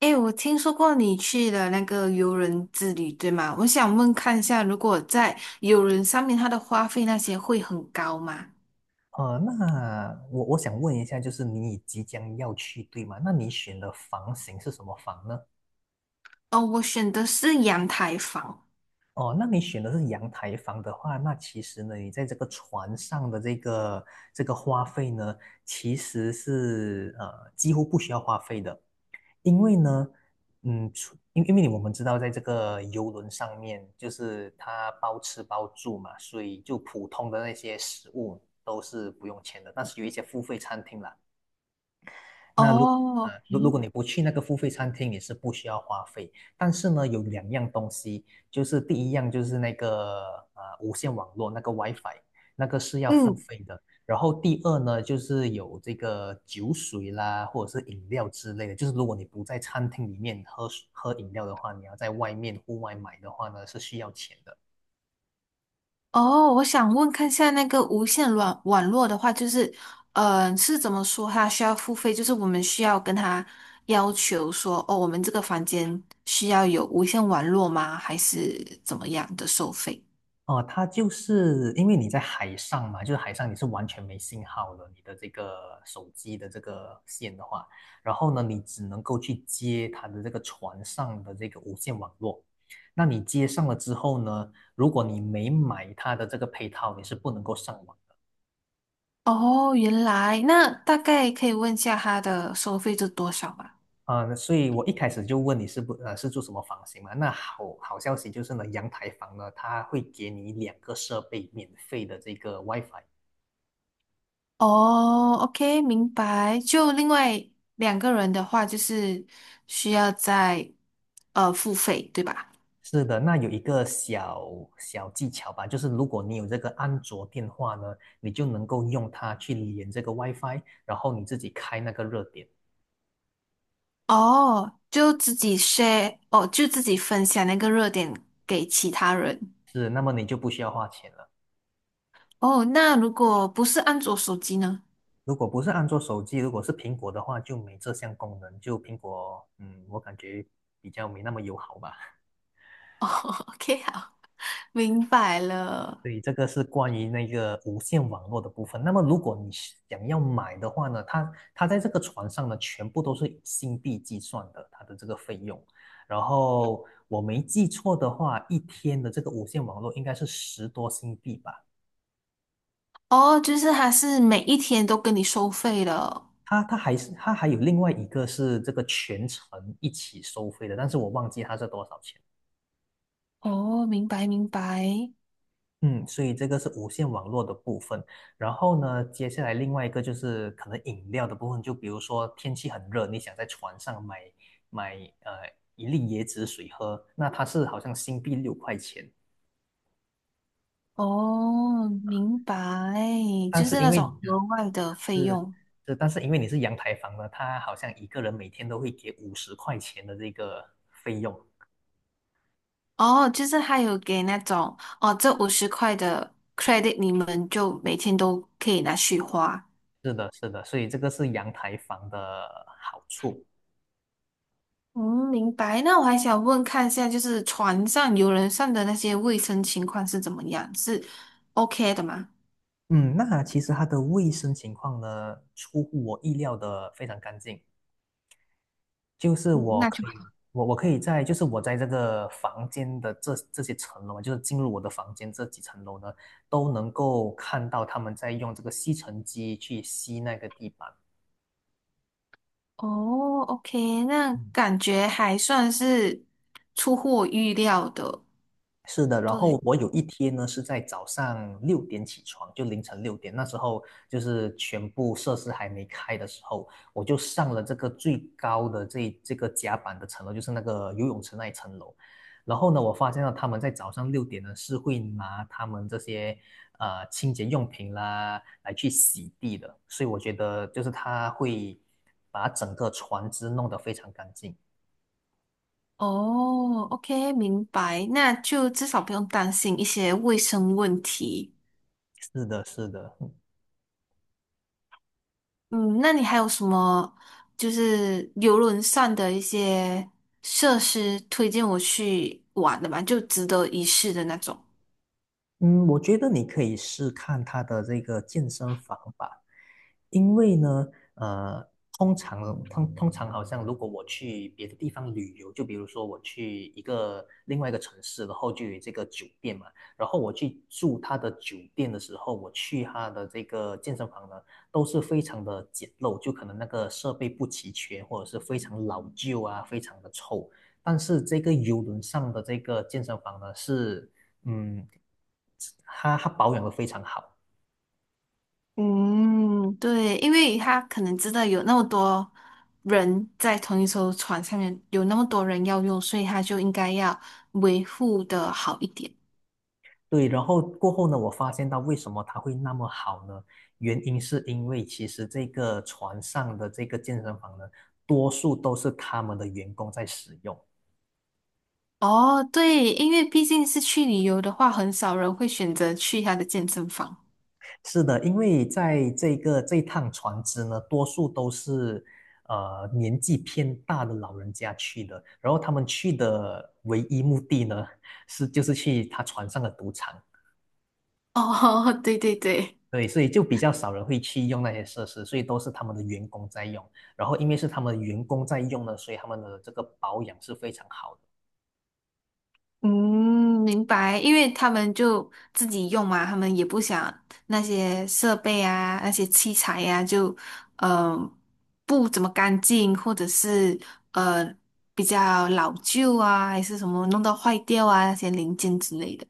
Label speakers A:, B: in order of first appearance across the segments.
A: 诶，我听说过你去了那个游轮之旅，对吗？我想问看一下，如果在游轮上面，它的花费那些会很高吗？
B: 那我想问一下，就是你即将要去，对吗？那你选的房型是什么房呢？
A: 哦，我选的是阳台房。
B: 哦，那你选的是阳台房的话，那其实呢，你在这个船上的这个花费呢，其实是几乎不需要花费的，因为呢，除因因为我们知道，在这个游轮上面，就是它包吃包住嘛，所以就普通的那些食物都是不用钱的，但是有一些付费餐厅啦。那如呃，
A: 哦，
B: 如如果
A: 诶，
B: 你不去那个付费餐厅，你是不需要花费。但是呢，有两样东西，就是第一样就是那个无线网络那个 WiFi，那个是要付
A: 嗯，
B: 费的。然后第二呢，就是有这个酒水啦，或者是饮料之类的。就是如果你不在餐厅里面喝水喝饮料的话，你要在外面户外买的话呢，是需要钱的。
A: 哦，我想问看一下那个无线网络的话，就是，是怎么说它需要付费？就是我们需要跟他要求说，哦，我们这个房间需要有无线网络吗？还是怎么样的收费？
B: 哦，它就是因为你在海上嘛，就是海上你是完全没信号的，你的这个手机的这个线的话，然后呢，你只能够去接它的这个船上的这个无线网络。那你接上了之后呢，如果你没买它的这个配套，你是不能够上网的。
A: 哦，原来那大概可以问一下他的收费是多少吗？
B: 啊、所以我一开始就问你是不呃是住什么房型嘛？那好消息就是呢，阳台房呢，它会给你两个设备免费的这个 WiFi。
A: 哦，OK,明白。就另外两个人的话，就是需要再付费，对吧？
B: 是的，那有一个小小技巧吧，就是如果你有这个安卓电话呢，你就能够用它去连这个 WiFi，然后你自己开那个热点，
A: 哦，就自己 share，哦，就自己分享那个热点给其他人。
B: 是，那么你就不需要花钱了。
A: 哦，那如果不是安卓手机呢？
B: 如果不是安卓手机，如果是苹果的话，就没这项功能，就苹果，我感觉比较没那么友好吧。
A: 哦，OK，好，明白了。
B: 对，这个是关于那个无线网络的部分。那么，如果你想要买的话呢，它在这个船上呢，全部都是以新币计算的，它的这个费用。然后我没记错的话，一天的这个无线网络应该是10多新币吧。
A: 哦，就是它是每一天都跟你收费了。
B: 它还有另外一个是这个全程一起收费的，但是我忘记它是多少钱。
A: 哦，明白明白。
B: 嗯，所以这个是无线网络的部分。然后呢，接下来另外一个就是可能饮料的部分，就比如说天气很热，你想在船上买呃一粒椰子水喝，那它是好像新币六块钱，
A: 哦，明白，
B: 但
A: 就
B: 是
A: 是
B: 因
A: 那
B: 为
A: 种
B: 你哦
A: 额外的费
B: 是
A: 用。
B: 是，但是因为你是阳台房呢，它好像一个人每天都会给50块钱的这个费用。
A: 哦，就是还有给那种，哦，这50块的 credit，你们就每天都可以拿去花。
B: 是的，是的，所以这个是阳台房的好处。
A: 嗯，明白。那我还想问看一下，就是船上、游轮上的那些卫生情况是怎么样？是 OK 的吗？
B: 嗯，那其实它的卫生情况呢，出乎我意料的非常干净。就是
A: 嗯，
B: 我
A: 那就
B: 可以，
A: 好。
B: 我可以在，就是我在这个房间的这些层楼嘛就是进入我的房间这几层楼呢，都能够看到他们在用这个吸尘机去吸那个地板。
A: 哦，OK，那感觉还算是出乎我预料的。
B: 是的，然后
A: 对。
B: 我有一天呢是在早上六点起床，就凌晨六点，那时候就是全部设施还没开的时候，我就上了这个最高的这个甲板的层楼，就是那个游泳池那一层楼。然后呢，我发现到他们在早上六点呢是会拿他们这些清洁用品啦来去洗地的，所以我觉得就是他会把整个船只弄得非常干净。
A: 哦，OK，明白，那就至少不用担心一些卫生问题。
B: 是的，是的。
A: 嗯，那你还有什么就是游轮上的一些设施推荐我去玩的吗？就值得一试的那种。
B: 嗯，我觉得你可以试看他的这个健身房吧，因为呢，呃，通常好像如果我去别的地方旅游，就比如说我去一个另外一个城市，然后就有这个酒店嘛，然后我去住他的酒店的时候，我去他的这个健身房呢，都是非常的简陋，就可能那个设备不齐全，或者是非常老旧啊，非常的臭。但是这个游轮上的这个健身房呢，是嗯，它保养的非常好。
A: 嗯，对，因为他可能知道有那么多人在同一艘船上面，有那么多人要用，所以他就应该要维护的好一点。
B: 对，然后过后呢，我发现到为什么它会那么好呢？原因是因为其实这个船上的这个健身房呢，多数都是他们的员工在使用。
A: 哦，对，因为毕竟是去旅游的话，很少人会选择去他的健身房。
B: 是的，因为在这个这趟船只呢，多数都是年纪偏大的老人家去的，然后他们去的唯一目的呢，是就是去他船上的赌场。
A: 哦，对对对，
B: 对，所以就比较少人会去用那些设施，所以都是他们的员工在用。然后因为是他们的员工在用呢，所以他们的这个保养是非常好的。
A: 嗯，明白，因为他们就自己用嘛，他们也不想那些设备啊、那些器材呀、就嗯、呃不怎么干净，或者是呃比较老旧啊，还是什么弄到坏掉啊那些零件之类的。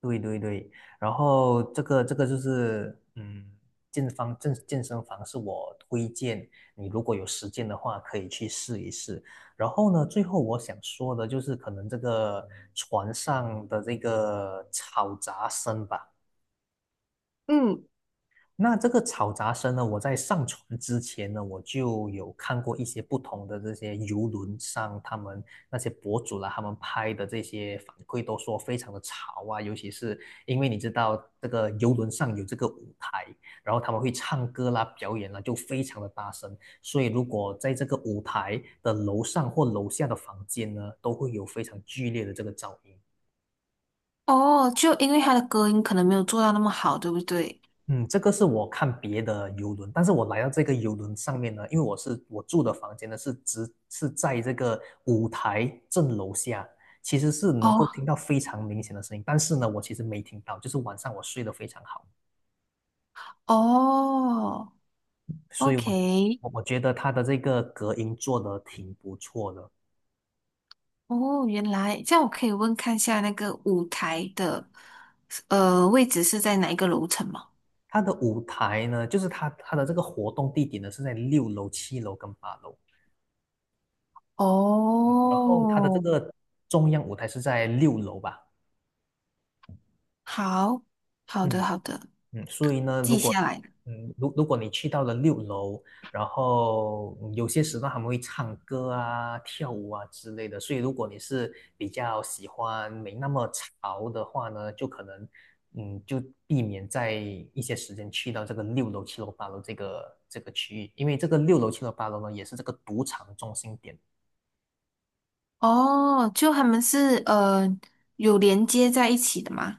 B: 对对对，然后这个就是健方健健身房是我推荐你，如果有时间的话可以去试一试。然后呢，最后我想说的就是可能这个船上的这个吵杂声吧。
A: 嗯，
B: 那这个吵杂声呢，我在上船之前呢，我就有看过一些不同的这些游轮上，他们那些博主啦，他们拍的这些反馈都说非常的吵啊，尤其是因为你知道这个游轮上有这个舞台，然后他们会唱歌啦、表演啦，就非常的大声，所以如果在这个舞台的楼上或楼下的房间呢，都会有非常剧烈的这个噪音。
A: 哦，就因为它的隔音可能没有做到那么好，对不对？
B: 嗯，这个是我看别的游轮，但是我来到这个游轮上面呢，因为我住的房间呢是只是在这个舞台正楼下，其实是能够
A: 哦
B: 听到非常明显的声音，但是呢，我其实没听到，就是晚上我睡得非常好，
A: 哦，
B: 所以我
A: OK，
B: 我我觉得它的这个隔音做得挺不错的。
A: 哦，原来这样，我可以问看下那个舞台的位置是在哪一个楼层吗？
B: 它的舞台呢，就是它的这个活动地点呢是在6楼、7楼跟8楼，然后它的这
A: 哦，
B: 个中央舞台是在六楼吧。
A: 好，好的，
B: 嗯，
A: 好的，
B: 所以呢，如
A: 记
B: 果
A: 下来了。
B: 嗯，如如果你去到了六楼，然后有些时段他们会唱歌啊、跳舞啊之类的，所以如果你是比较喜欢没那么潮的话呢，就可能就避免在一些时间去到这个六楼、七楼、八楼这个区域，因为这个六楼、七楼、八楼呢，也是这个赌场中心点。
A: 哦，就他们是有连接在一起的吗？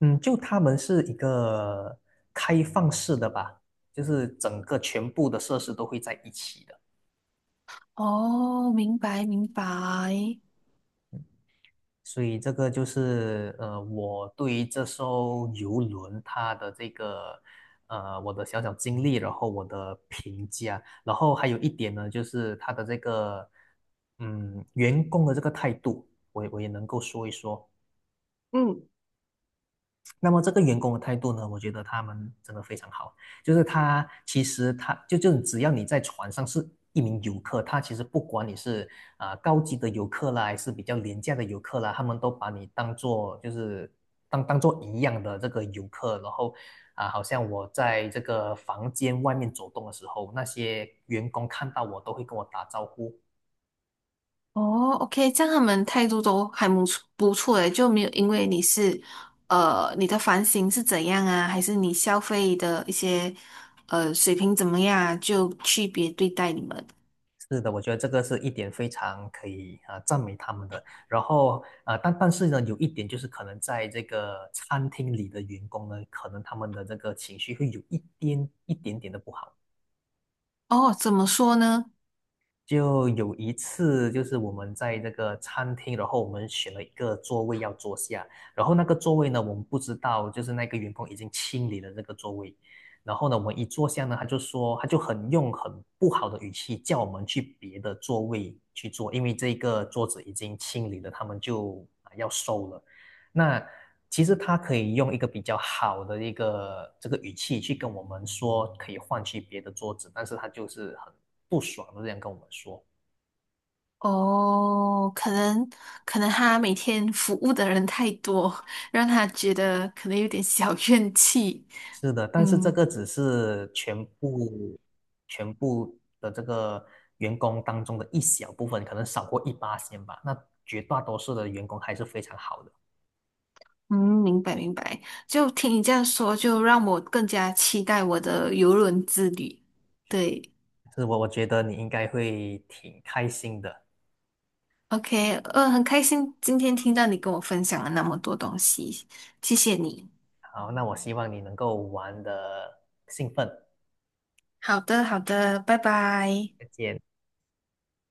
B: 嗯，就他们是一个开放式的吧，就是整个全部的设施都会在一起的。
A: 哦，明白，明白。
B: 所以这个就是我对于这艘游轮它的这个我的小小经历，然后我的评价，然后还有一点呢，就是它的这个员工的这个态度，我也能够说一说。
A: 嗯。
B: 那么这个员工的态度呢，我觉得他们真的非常好，就是他其实他就只要你在船上是一名游客，他其实不管你是高级的游客啦，还是比较廉价的游客啦，他们都把你当做就是当当做一样的这个游客，然后好像我在这个房间外面走动的时候，那些员工看到我都会跟我打招呼，
A: 哦，OK，这样他们态度都还不错，不错诶，就没有因为你是，呃，你的房型是怎样啊，还是你消费的一些，呃，水平怎么样啊就区别对待你们。
B: 是的，我觉得这个是一点非常可以赞美他们的。然后啊，但是呢，有一点就是可能在这个餐厅里的员工呢，可能他们的这个情绪会有一点点的不好。
A: 哦，怎么说呢？
B: 就有一次，就是我们在这个餐厅，然后我们选了一个座位要坐下，然后那个座位呢，我们不知道，就是那个员工已经清理了这个座位，然后呢，我们一坐下呢，他就说，他就很用很不好的语气叫我们去别的座位去坐，因为这个桌子已经清理了，他们就啊要收了。那其实他可以用一个比较好的一个这个语气去跟我们说，可以换去别的桌子，但是他就是很不爽的这样跟我们说。
A: 哦，可能他每天服务的人太多，让他觉得可能有点小怨气。
B: 是的，但是这
A: 嗯
B: 个只是全部的这个员工当中的一小部分，可能少过一八千吧。那绝大多数的员工还是非常好的，
A: 嗯，明白明白。就听你这样说，就让我更加期待我的游轮之旅。对。
B: 是。我觉得你应该会挺开心的。
A: OK，很开心今天听到你跟我分享了那么多东西，谢谢你。
B: 好，那我希望你能够玩的兴奋，
A: 好的，好的，拜拜。
B: 再见。